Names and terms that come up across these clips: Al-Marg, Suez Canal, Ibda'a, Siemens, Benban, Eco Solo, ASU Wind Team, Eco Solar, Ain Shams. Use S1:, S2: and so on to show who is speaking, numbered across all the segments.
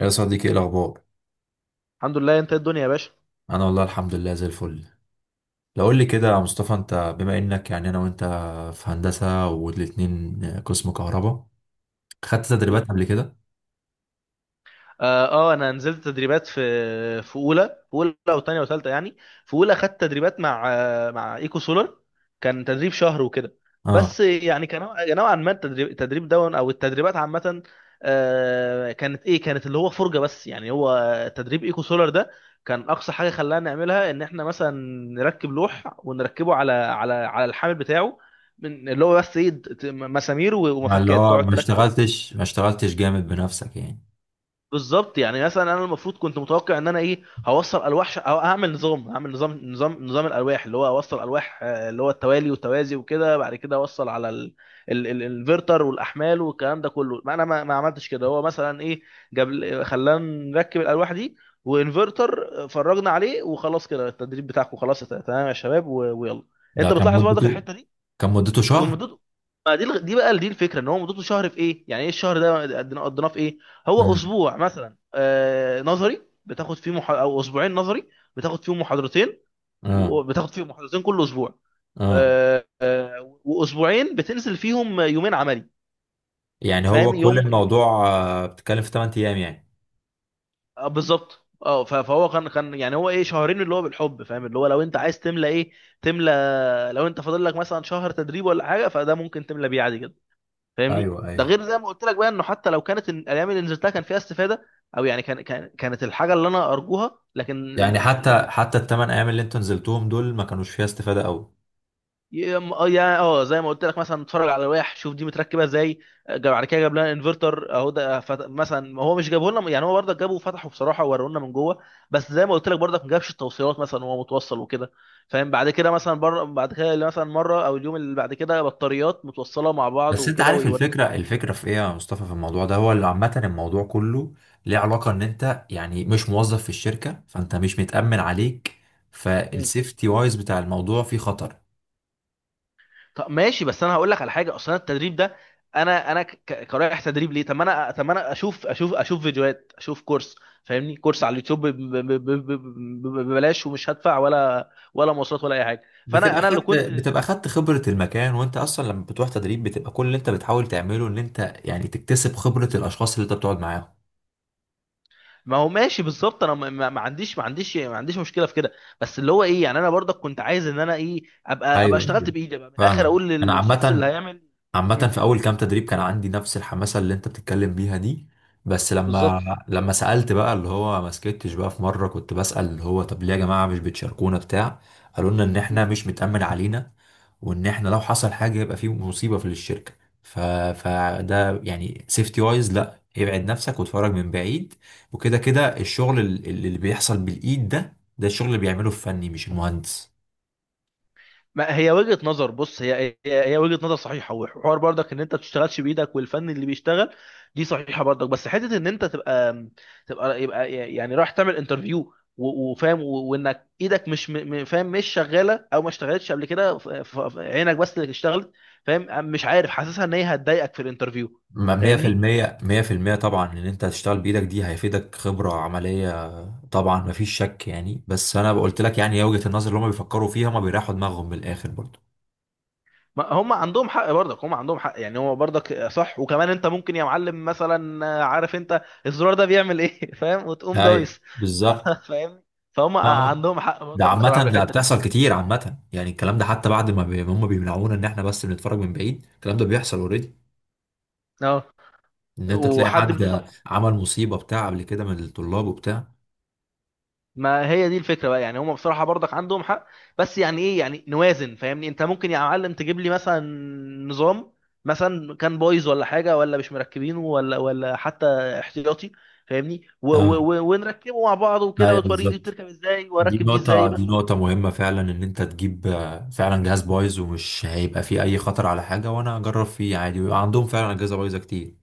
S1: يا صديقي، ايه الاخبار؟
S2: الحمد لله، انت ايه الدنيا يا باشا؟
S1: انا والله الحمد لله زي الفل. لو قول لي كده يا مصطفى، انت بما انك يعني انا وانت في هندسه والاتنين قسم كهرباء، خدت
S2: مم.
S1: تدريبات قبل كده؟
S2: اه. انا نزلت تدريبات في في اولى في اولى وثانيه وثالثه، يعني في اولى خدت تدريبات مع ايكو سولار. كان تدريب شهر وكده.
S1: اه.
S2: بس يعني كان نوعا ما التدريب، ده او التدريبات عامه، كانت ايه، كانت اللي هو فرجه. بس يعني هو تدريب ايكو سولار ده، كان اقصى حاجه خلانا نعملها ان احنا مثلا نركب لوح ونركبه على الحامل بتاعه، من اللي هو بس، ايه، مسامير
S1: مع اللي
S2: ومفكات
S1: هو
S2: تقعد
S1: ما
S2: تركب.
S1: اشتغلتش ما اشتغلتش جامد بنفسك يعني.
S2: بالظبط، يعني مثلا انا المفروض كنت متوقع ان انا ايه، هوصل الواح، ش... او هعمل نظام، هعمل نظام الالواح، اللي هو اوصل الواح، اللي هو التوالي والتوازي وكده، بعد كده اوصل على الانفرتر والاحمال والكلام ده كله. ما انا ما عملتش كده، هو مثلا ايه، خلانا نركب الالواح دي وانفرتر. فرجنا عليه وخلاص كده، التدريب بتاعكم خلاص تمام يا شباب و- ويلا.
S1: ده
S2: انت
S1: كان
S2: بتلاحظ برضك
S1: مدته
S2: الحته دي.
S1: كان مدته
S2: كون
S1: شهر.
S2: مدته، ما دي دي بقى، دي الفكره ان هو مدته شهر في ايه؟ يعني ايه الشهر ده، قضيناه في ايه؟ هو
S1: امم.
S2: اسبوع مثلا، آه، نظري بتاخد فيه، مح... او اسبوعين نظري بتاخد فيهم محاضرتين،
S1: اه،
S2: وبتاخد فيهم محاضرتين كل اسبوع.
S1: اه.
S2: آه. واسبوعين بتنزل فيهم يومين عملي.
S1: يعني هو
S2: فاهم؟
S1: كل
S2: يوم.
S1: الموضوع، بتتكلم في 8 ايام يعني.
S2: آه، بالظبط. اه، فهو كان يعني، هو ايه، شهرين اللي هو بالحب. فاهم؟ اللي هو لو انت عايز تملى ايه تملى، لو انت فاضل لك مثلا شهر تدريب ولا حاجه، فده ممكن تملى بيه عادي جدا. فاهمني؟
S1: ايوه،
S2: ده
S1: ايوه.
S2: غير زي ما قلت لك بقى، انه حتى لو كانت الايام اللي نزلتها كان فيها استفاده، او يعني كانت الحاجه اللي انا ارجوها، لكن،
S1: يعني حتى الثمان ايام اللي انتوا نزلتوهم دول ما كانوش فيها استفاده قوي.
S2: يا م- اه يا- اه زي ما قلت لك مثلا، اتفرج على لوائح، شوف دي متركبه ازاي. بعد كده جاب لنا انفرتر اهو ده، مثلا هو مش جابه لنا، يعني هو برضك جابه وفتحه بصراحه ووروا لنا من جوه. بس زي ما قلت لك برضك، ما جابش التوصيلات مثلا وهو متوصل وكده. فاهم؟ بعد كده مثلا بره، بعد كده مثلا مره او اليوم اللي بعد كده، بطاريات متوصله مع بعض
S1: بس انت
S2: وكده
S1: عارف
S2: ويوريك.
S1: الفكرة في ايه يا مصطفى؟ في الموضوع ده، هو اللي عامة الموضوع كله ليه علاقة ان انت يعني مش موظف في الشركة، فانت مش متأمن عليك، فالسيفتي وايز بتاع الموضوع فيه خطر.
S2: طب ماشي، بس انا هقول لك على حاجه. اصلا التدريب ده، انا كرايح تدريب ليه؟ طب ما انا، اشوف، اشوف فيديوهات، اشوف كورس. فاهمني؟ كورس على اليوتيوب ببلاش، ومش هدفع ولا ولا مواصلات ولا اي حاجه. فانا،
S1: بتبقى
S2: انا اللي
S1: خدت
S2: كنت.
S1: بتبقى خدت خبرة المكان، وانت اصلا لما بتروح تدريب بتبقى كل اللي انت بتحاول تعمله ان انت يعني تكتسب خبرة الاشخاص اللي انت بتقعد معاهم.
S2: ما هو ماشي بالظبط. انا ما عنديش، مشكله في كده، بس اللي هو ايه، يعني انا برضك كنت عايز ان انا ايه، ابقى
S1: ايوه،
S2: اشتغلت
S1: ايوه.
S2: بايدي، ابقى من الاخر
S1: فاهمك.
S2: اقول
S1: انا
S2: للشخص اللي
S1: عامة،
S2: هيعمل.
S1: عامة
S2: مم.
S1: في أول كام تدريب كان عندي نفس الحماسة اللي أنت بتتكلم بيها دي. بس لما
S2: بالظبط.
S1: لما سألت بقى، اللي هو ما سكتش بقى، في مرة كنت بسأل اللي هو طب ليه يا جماعة مش بتشاركونا بتاع، قالوا لنا إن إحنا مش متأمن علينا، وإن إحنا لو حصل حاجة يبقى في مصيبة في الشركة. ف... فده يعني سيفتي وايز، لا، ابعد نفسك واتفرج من بعيد. وكده كده الشغل اللي بيحصل بالإيد ده الشغل اللي بيعمله الفني مش المهندس.
S2: ما هي وجهة نظر، بص، هي وجهة نظر صحيحة، وحوار برضك ان انت تشتغلش بايدك والفن اللي بيشتغل. دي صحيحة برضك، بس حتة ان انت تبقى تبقى يبقى، يعني رايح تعمل انترفيو وفاهم، و- وانك ايدك مش فاهم، مش شغالة او ما اشتغلتش قبل كده، عينك بس اللي اشتغلت. فاهم، مش عارف، حاسسها ان هي هتضايقك في الانترفيو.
S1: مية في
S2: فاهمني؟
S1: المية، مية في المية طبعا ان انت هتشتغل بايدك دي هيفيدك خبرة عملية. طبعا مفيش شك يعني، بس انا قلت لك يعني، هي وجهة النظر اللي هم بيفكروا فيها ما بيريحوا دماغهم من الاخر برضو.
S2: ما هم عندهم حق برضك، هم عندهم حق يعني هو برضك صح. وكمان انت ممكن يا معلم مثلا، عارف انت الزرار ده بيعمل ايه فاهم، وتقوم
S1: اي،
S2: دايس.
S1: بالظبط.
S2: فاهم؟ فهم
S1: اه، آه.
S2: عندهم حق
S1: ده
S2: برضك بصراحه في
S1: عامة، ده
S2: الحته دي.
S1: بتحصل كتير عامة، يعني الكلام ده حتى بعد ما هم بيمنعونا ان احنا بس بنتفرج من بعيد، الكلام ده بيحصل اوريدي.
S2: اه.
S1: ان انت تلاقي
S2: وحد
S1: حد عمل مصيبة بتاع قبل كده من الطلاب وبتاع.
S2: ما هي دي الفكره بقى. يعني هم بصراحه برضك عندهم حق، بس يعني ايه يعني، نوازن. فاهمني؟ انت ممكن يا معلم تجيب لي مثلا نظام، مثلا كان بايظ ولا حاجه، ولا مش مركبينه، ولا ولا حتى احتياطي. فاهمني؟ و و
S1: اه،
S2: و ونركبه مع بعض وكده،
S1: ايوه،
S2: وتوريني دي
S1: بالظبط.
S2: بتركب ازاي،
S1: دي
S2: واركب دي
S1: نقطة
S2: ازاي،
S1: دي
S2: بس.
S1: نقطة مهمة فعلا، إن أنت تجيب فعلا جهاز بايظ ومش هيبقى فيه أي خطر على حاجة، وأنا أجرب فيه عادي، ويبقى عندهم فعلا أجهزة بايظة كتير.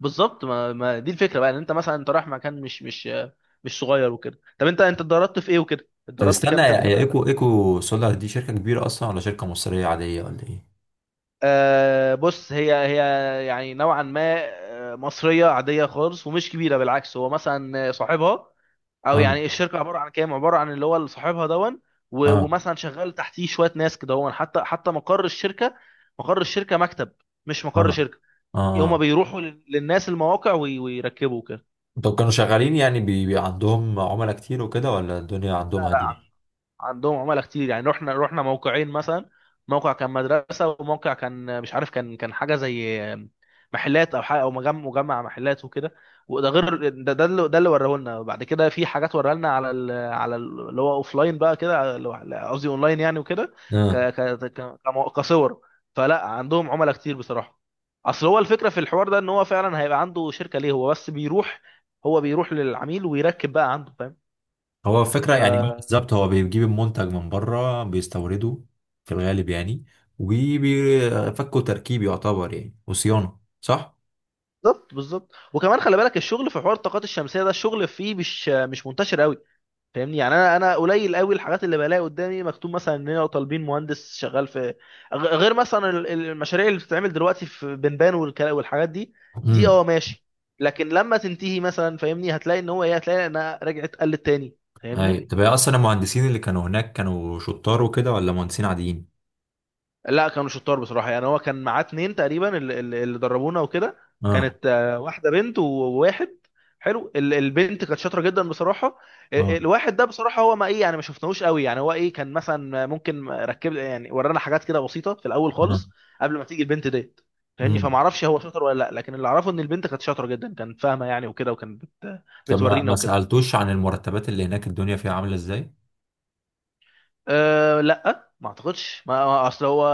S2: بالظبط. ما دي الفكره بقى، ان انت مثلا انت رايح مكان مش صغير وكده. طب انت، اتدربت في ايه وكده؟
S1: طب
S2: اتدربت
S1: استنى،
S2: كام
S1: يا
S2: تدريب؟
S1: يا إيكو سولا دي شركة كبيرة أصلا ولا شركة مصرية عادية ولا إيه؟
S2: آه، بص، هي هي يعني نوعا ما، آه، مصرية عادية خالص ومش كبيرة، بالعكس. هو مثلا صاحبها، أو
S1: آه،
S2: يعني الشركة عبارة عن كام، عبارة عن اللي هو اللي صاحبها دون،
S1: آه،
S2: ومثلا شغال تحتيه شوية ناس كده. هو حتى حتى مقر الشركة، مقر الشركة مكتب، مش
S1: آه،
S2: مقر شركة.
S1: آه،
S2: هما
S1: آه.
S2: بيروحوا للناس المواقع ويركبوا كده.
S1: طب كانوا شغالين يعني، بي عندهم عملاء كتير وكده ولا الدنيا
S2: لا،
S1: عندهم هادية؟
S2: لا، عندهم عملاء كتير. يعني رحنا موقعين مثلا، موقع كان مدرسة، وموقع كان مش عارف، كان حاجة زي محلات او حاجة، او مجمع، محلات وكده. وده غير ده، ده اللي وراه لنا بعد كده، في حاجات وراه لنا على ال، اللي هو اوف لاين بقى كده، اللي هو، قصدي اون لاين يعني وكده. ك
S1: آه.
S2: ك كصور. فلا عندهم عملاء كتير بصراحة. اصل هو الفكرة في الحوار ده، ان هو فعلا هيبقى عنده شركة ليه؟ هو بس بيروح، هو بيروح للعميل ويركب بقى عنده، فاهم؟
S1: هو الفكرة
S2: ف
S1: يعني، هو بالظبط هو بيجيب المنتج من بره، بيستورده في الغالب يعني، وبيفكوا تركيب يعتبر يعني وصيانة، صح؟
S2: بالظبط بالظبط. وكمان خلي بالك، الشغل في حوار الطاقات الشمسيه ده، الشغل فيه مش مش منتشر قوي. فاهمني؟ يعني انا، قليل قوي الحاجات اللي بلاقي قدامي مكتوب مثلا، اننا طالبين مهندس شغال في، غير مثلا المشاريع اللي بتتعمل دلوقتي في بنبان، والحاجات دي. دي
S1: امم.
S2: اه ماشي. لكن لما تنتهي مثلا، فاهمني، هتلاقي ان هو ايه، هتلاقي انها رجعت قلت تاني.
S1: اي،
S2: فاهمني؟
S1: طب هي اصلا المهندسين اللي كانوا هناك كانوا شطار وكده ولا مهندسين عاديين؟
S2: لا، كانوا شطار بصراحه. يعني هو كان معاه اتنين تقريبا اللي دربونا وكده.
S1: اه،
S2: كانت، آه، واحده بنت وواحد. حلو. البنت كانت شاطره جدا بصراحه.
S1: اه،
S2: الواحد ده بصراحه هو ما، ايه يعني، ما شفناهوش قوي. يعني هو ايه، كان مثلا ممكن ركب يعني ورانا حاجات كده بسيطه في الاول
S1: اه.
S2: خالص، قبل ما تيجي البنت ديت. فاهمني؟
S1: امم.
S2: فما اعرفش هو شاطر ولا لا، لكن اللي اعرفه ان البنت كانت شاطره جدا، كانت فاهمه يعني وكده، وكانت
S1: طب ما
S2: بتورينا
S1: ما
S2: وكده.
S1: سألتوش عن المرتبات اللي هناك الدنيا فيها عاملة ازاي؟
S2: أه لا ما اعتقدش، اصل هو،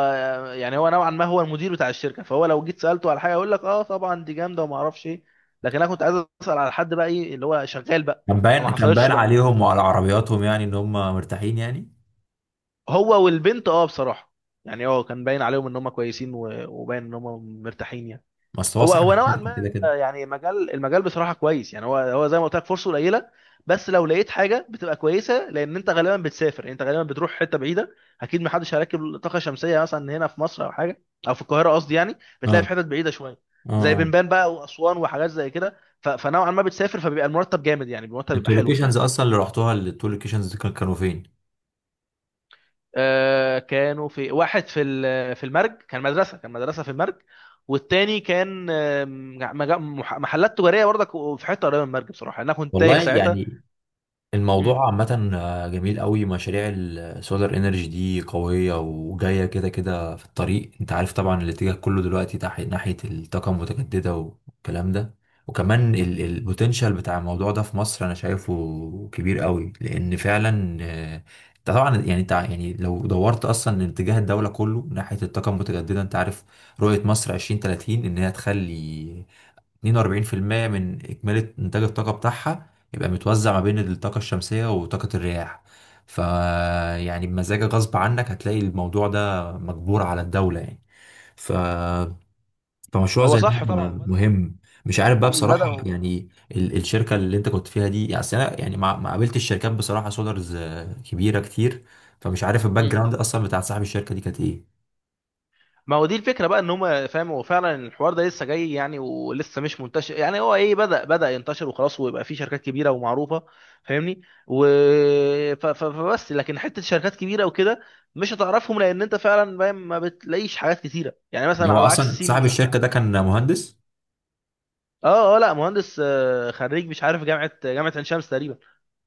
S2: يعني هو نوعا ما هو المدير بتاع الشركه، فهو لو جيت سالته على حاجه يقول لك اه طبعا دي جامده وما اعرفش ايه. لكن انا كنت عايز اسال على حد بقى، ايه اللي هو شغال بقى.
S1: كان باين
S2: فما
S1: كان
S2: حصلتش
S1: باين
S2: بقى
S1: عليهم وعلى عربياتهم يعني ان هم مرتاحين يعني.
S2: هو والبنت. اه بصراحه يعني، اه، كان باين عليهم ان هم كويسين، وباين ان هم مرتاحين يعني.
S1: بس هو
S2: هو
S1: صاحب
S2: هو نوعا
S1: الشركة
S2: ما،
S1: كده كده.
S2: آه، يعني مجال، المجال بصراحه كويس. يعني هو هو زي ما قلت لك، فرصه قليله، بس لو لقيت حاجه بتبقى كويسه، لان انت غالبا بتسافر. يعني انت غالبا بتروح حته بعيده، اكيد ما حدش هيركب طاقه شمسيه مثلا هنا في مصر او حاجه، او في القاهره قصدي. يعني
S1: اه،
S2: بتلاقي في حتت بعيده شويه
S1: اه،
S2: زي
S1: اه.
S2: بنبان بقى واسوان وحاجات زي كده، فنوعا ما بتسافر، فبيبقى المرتب جامد، يعني المرتب بيبقى
S1: انتوا
S2: حلو
S1: اللوكيشنز
S2: يعني.
S1: اصلا اللي رحتوها التو لوكيشنز كانوا فين؟
S2: آه، كانوا في واحد في المرج، كان مدرسه، كان مدرسه في المرج. والتاني كان، آه، محلات تجاريه برضك في حته قريبه من المرج. بصراحه يعني انا كنت تايه
S1: والله
S2: ساعتها.
S1: يعني
S2: مم.
S1: الموضوع عامة جميل قوي. مشاريع السولار انرجي دي قوية وجاية كده كده في الطريق. انت عارف طبعا الاتجاه كله دلوقتي ناحية الطاقة المتجددة والكلام ده. وكمان البوتنشال بتاع الموضوع ده في مصر انا شايفه كبير قوي، لان فعلا، انت طبعا يعني، انت يعني لو دورت اصلا اتجاه الدولة كله ناحية الطاقة المتجددة، انت عارف رؤية مصر 2030 ان هي تخلي 42% من إجمالي إنتاج الطاقة بتاعها يبقى متوزع ما بين الطاقة الشمسية وطاقة الرياح. ف يعني بمزاجك غصب عنك هتلاقي الموضوع ده مجبور على الدولة يعني. ف فمشروع
S2: هو
S1: زي ده
S2: صح طبعا، بدأ.
S1: مهم. مش عارف بقى بصراحة
S2: بدأوا.
S1: يعني، الشركة اللي انت كنت فيها دي يعني، أصل انا يعني ما قابلتش شركات بصراحة سولارز كبيرة كتير. فمش عارف الباك
S2: مم.
S1: جراوند اصلا بتاع صاحب الشركة دي كانت ايه.
S2: ما هو دي الفكره بقى ان هم، فاهم، هو فعلا الحوار ده لسه جاي يعني، ولسه مش منتشر. يعني هو ايه، بدا ينتشر وخلاص، ويبقى فيه شركات كبيره ومعروفه. فاهمني؟ و فبس، لكن حته شركات كبيره وكده مش هتعرفهم، لان انت فعلا فاهم، ما بتلاقيش حاجات كتيره. يعني مثلا
S1: هو
S2: على عكس
S1: اصلا صاحب
S2: سيمنز،
S1: الشركة ده كان مهندس؟
S2: اه اه، لا مهندس، آه، خريج مش عارف جامعه، جامعه عين شمس تقريبا.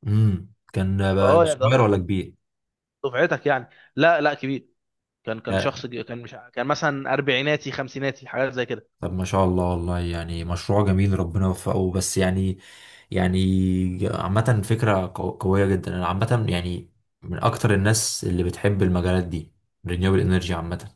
S1: امم. كان
S2: فاه يعني، ده
S1: صغير
S2: هو
S1: ولا كبير؟
S2: دفعتك يعني؟ لا لا كبير. كان شخص كبير، كان مش ع- كان مثلا اربعيناتي، خمسيناتي، حاجات زي كده.
S1: طب ما شاء الله، والله يعني مشروع جميل ربنا يوفقه، بس يعني، يعني عامة فكرة قوية جدا، أنا عامة يعني من أكتر الناس اللي بتحب المجالات دي، رينيوبل انرجي عامة.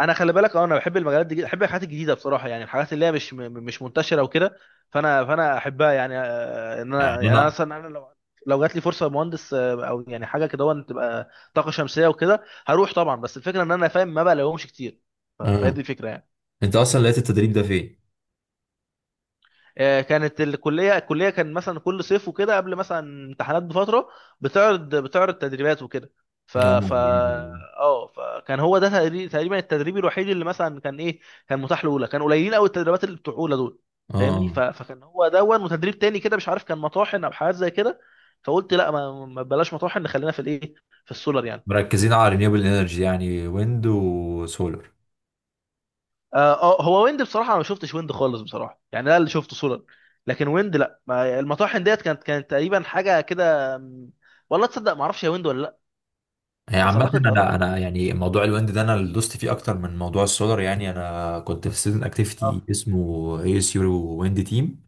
S2: انا خلي بالك، اه، انا بحب المجالات دي جدا. بحب الحاجات الجديده بصراحه، يعني الحاجات اللي هي مش منتشره وكده. فانا احبها يعني، آه، ان
S1: يعني
S2: انا يعني، انا
S1: أنا
S2: مثلا انا لو جات لي فرصه مهندس، آه، او يعني حاجه كده وان تبقى طاقه شمسيه وكده، هروح طبعا. بس الفكره ان انا فاهم، ما بقى لهمش كتير. فهي دي
S1: آه.
S2: الفكره يعني.
S1: أنت أصلا لقيت التدريب ده فين؟
S2: آه، كانت الكليه، الكليه كان مثلا كل صيف وكده قبل مثلا امتحانات بفتره، بتعرض تدريبات وكده. ف
S1: آه
S2: ف
S1: يعني-
S2: اه فكان هو ده تقريبا التدريب الوحيد اللي مثلا كان ايه، كان متاح لاولى. كان قليلين قوي التدريبات اللي بتوع اولى دول.
S1: آه،
S2: فاهمني؟
S1: آه.
S2: فكان هو دون، وتدريب تاني كده مش عارف، كان مطاحن او حاجات زي كده. فقلت لا، ما ما بلاش مطاحن، خلينا في الايه، في السولر يعني.
S1: مركزين على رينيوبل انرجي يعني ويند وسولر.
S2: آه آه، هو ويند بصراحه انا ما شفتش ويند خالص بصراحه. يعني ده اللي شفته صوره. لكن ويند، لا، ما المطاحن ديت كانت تقريبا حاجه كده، م، والله تصدق ما اعرفش هي ويند ولا لا.
S1: هي
S2: بس
S1: عامة
S2: اعتقد،
S1: أنا أنا يعني موضوع الويند ده، أنا اللي دوست فيه أكتر من موضوع السولر، يعني أنا كنت في ستودنت
S2: اه.
S1: أكتيفيتي اسمه ASU ويند تيم.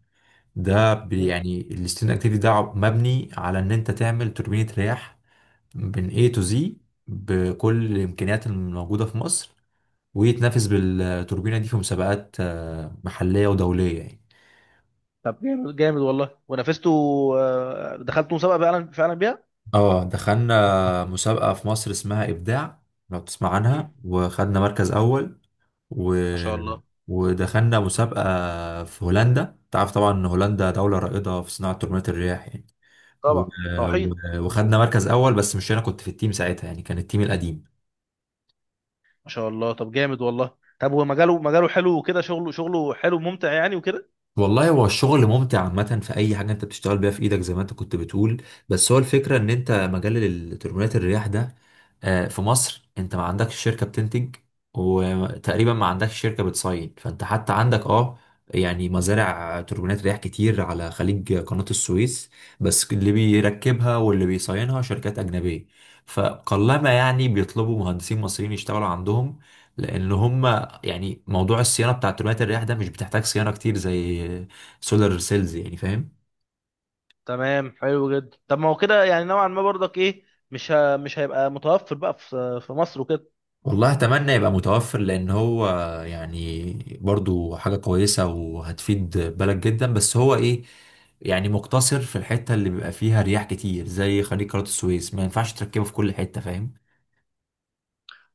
S1: ده
S2: مم.
S1: يعني الستودنت اكتيفيتي ده مبني على ان انت تعمل توربينة رياح من A to Z بكل الامكانيات الموجودة في مصر، ويتنافس بالتوربينة دي في مسابقات محلية ودولية يعني.
S2: طب جامد، جامد والله. ونافسته؟ آه، دخلت مسابقه فعلا بيها.
S1: اه، دخلنا مسابقة في مصر اسمها إبداع، لو تسمع
S2: مم.
S1: عنها، وخدنا مركز أول. و...
S2: ما شاء الله.
S1: ودخلنا مسابقة في هولندا، تعرف طبعا إن هولندا دولة رائدة في صناعة توربينات الرياح يعني،
S2: طبعا طحين.
S1: وخدنا مركز اول، بس مش انا كنت في التيم ساعتها يعني، كان التيم القديم.
S2: ما شاء الله طب جامد والله. طب ومجاله، مجاله مجاله حلو وكده. شغله، حلو ممتع يعني وكده.
S1: والله هو الشغل ممتع عامة في أي حاجة أنت بتشتغل بيها في إيدك، زي ما أنت كنت بتقول. بس هو الفكرة إن أنت مجال تربينات الرياح ده في مصر أنت ما عندكش شركة بتنتج وتقريبا ما عندكش شركة بتصين، فأنت حتى عندك أه، يعني مزارع توربينات رياح كتير على خليج قناة السويس، بس اللي بيركبها واللي بيصينها شركات أجنبية. فقلما يعني بيطلبوا مهندسين مصريين يشتغلوا عندهم، لأن هم يعني موضوع الصيانه بتاع تربينات الرياح ده مش بتحتاج صيانه كتير زي سولار سيلز يعني، فاهم.
S2: تمام، حلو جدا. طب ما هو كده يعني نوعا ما برضك، ايه، مش هيبقى متوفر بقى في مصر وكده.
S1: والله اتمنى يبقى متوفر، لان هو يعني برضو حاجه كويسه وهتفيد بلد جدا، بس هو ايه يعني مقتصر في الحته اللي بيبقى فيها رياح كتير زي خليج قناه السويس، ما ينفعش تركبه في كل حته، فاهم.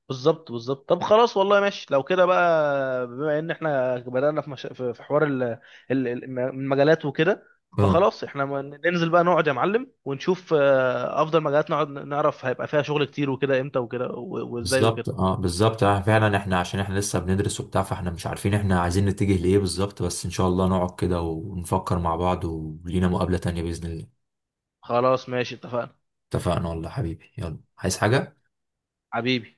S2: بالظبط بالظبط. طب خلاص والله، ماشي. لو كده بقى بما ان احنا بدأنا في، مش... في في حوار المجالات وكده،
S1: اه،
S2: فخلاص احنا ننزل بقى، نقعد يا معلم ونشوف، آه، افضل مجالات، نقعد نعرف هيبقى فيها شغل كتير وكده امتى وكده، وازاي
S1: بالظبط،
S2: وكده.
S1: اه، بالظبط، اه، فعلا احنا عشان احنا لسه بندرس وبتاع، فاحنا مش عارفين احنا عايزين نتجه لايه بالظبط، بس ان شاء الله نقعد كده ونفكر مع بعض ولينا مقابلة تانية بإذن الله.
S2: خلاص ماشي، اتفقنا.
S1: اتفقنا والله حبيبي، يلا، عايز حاجة؟
S2: حبيبي. حبيبي.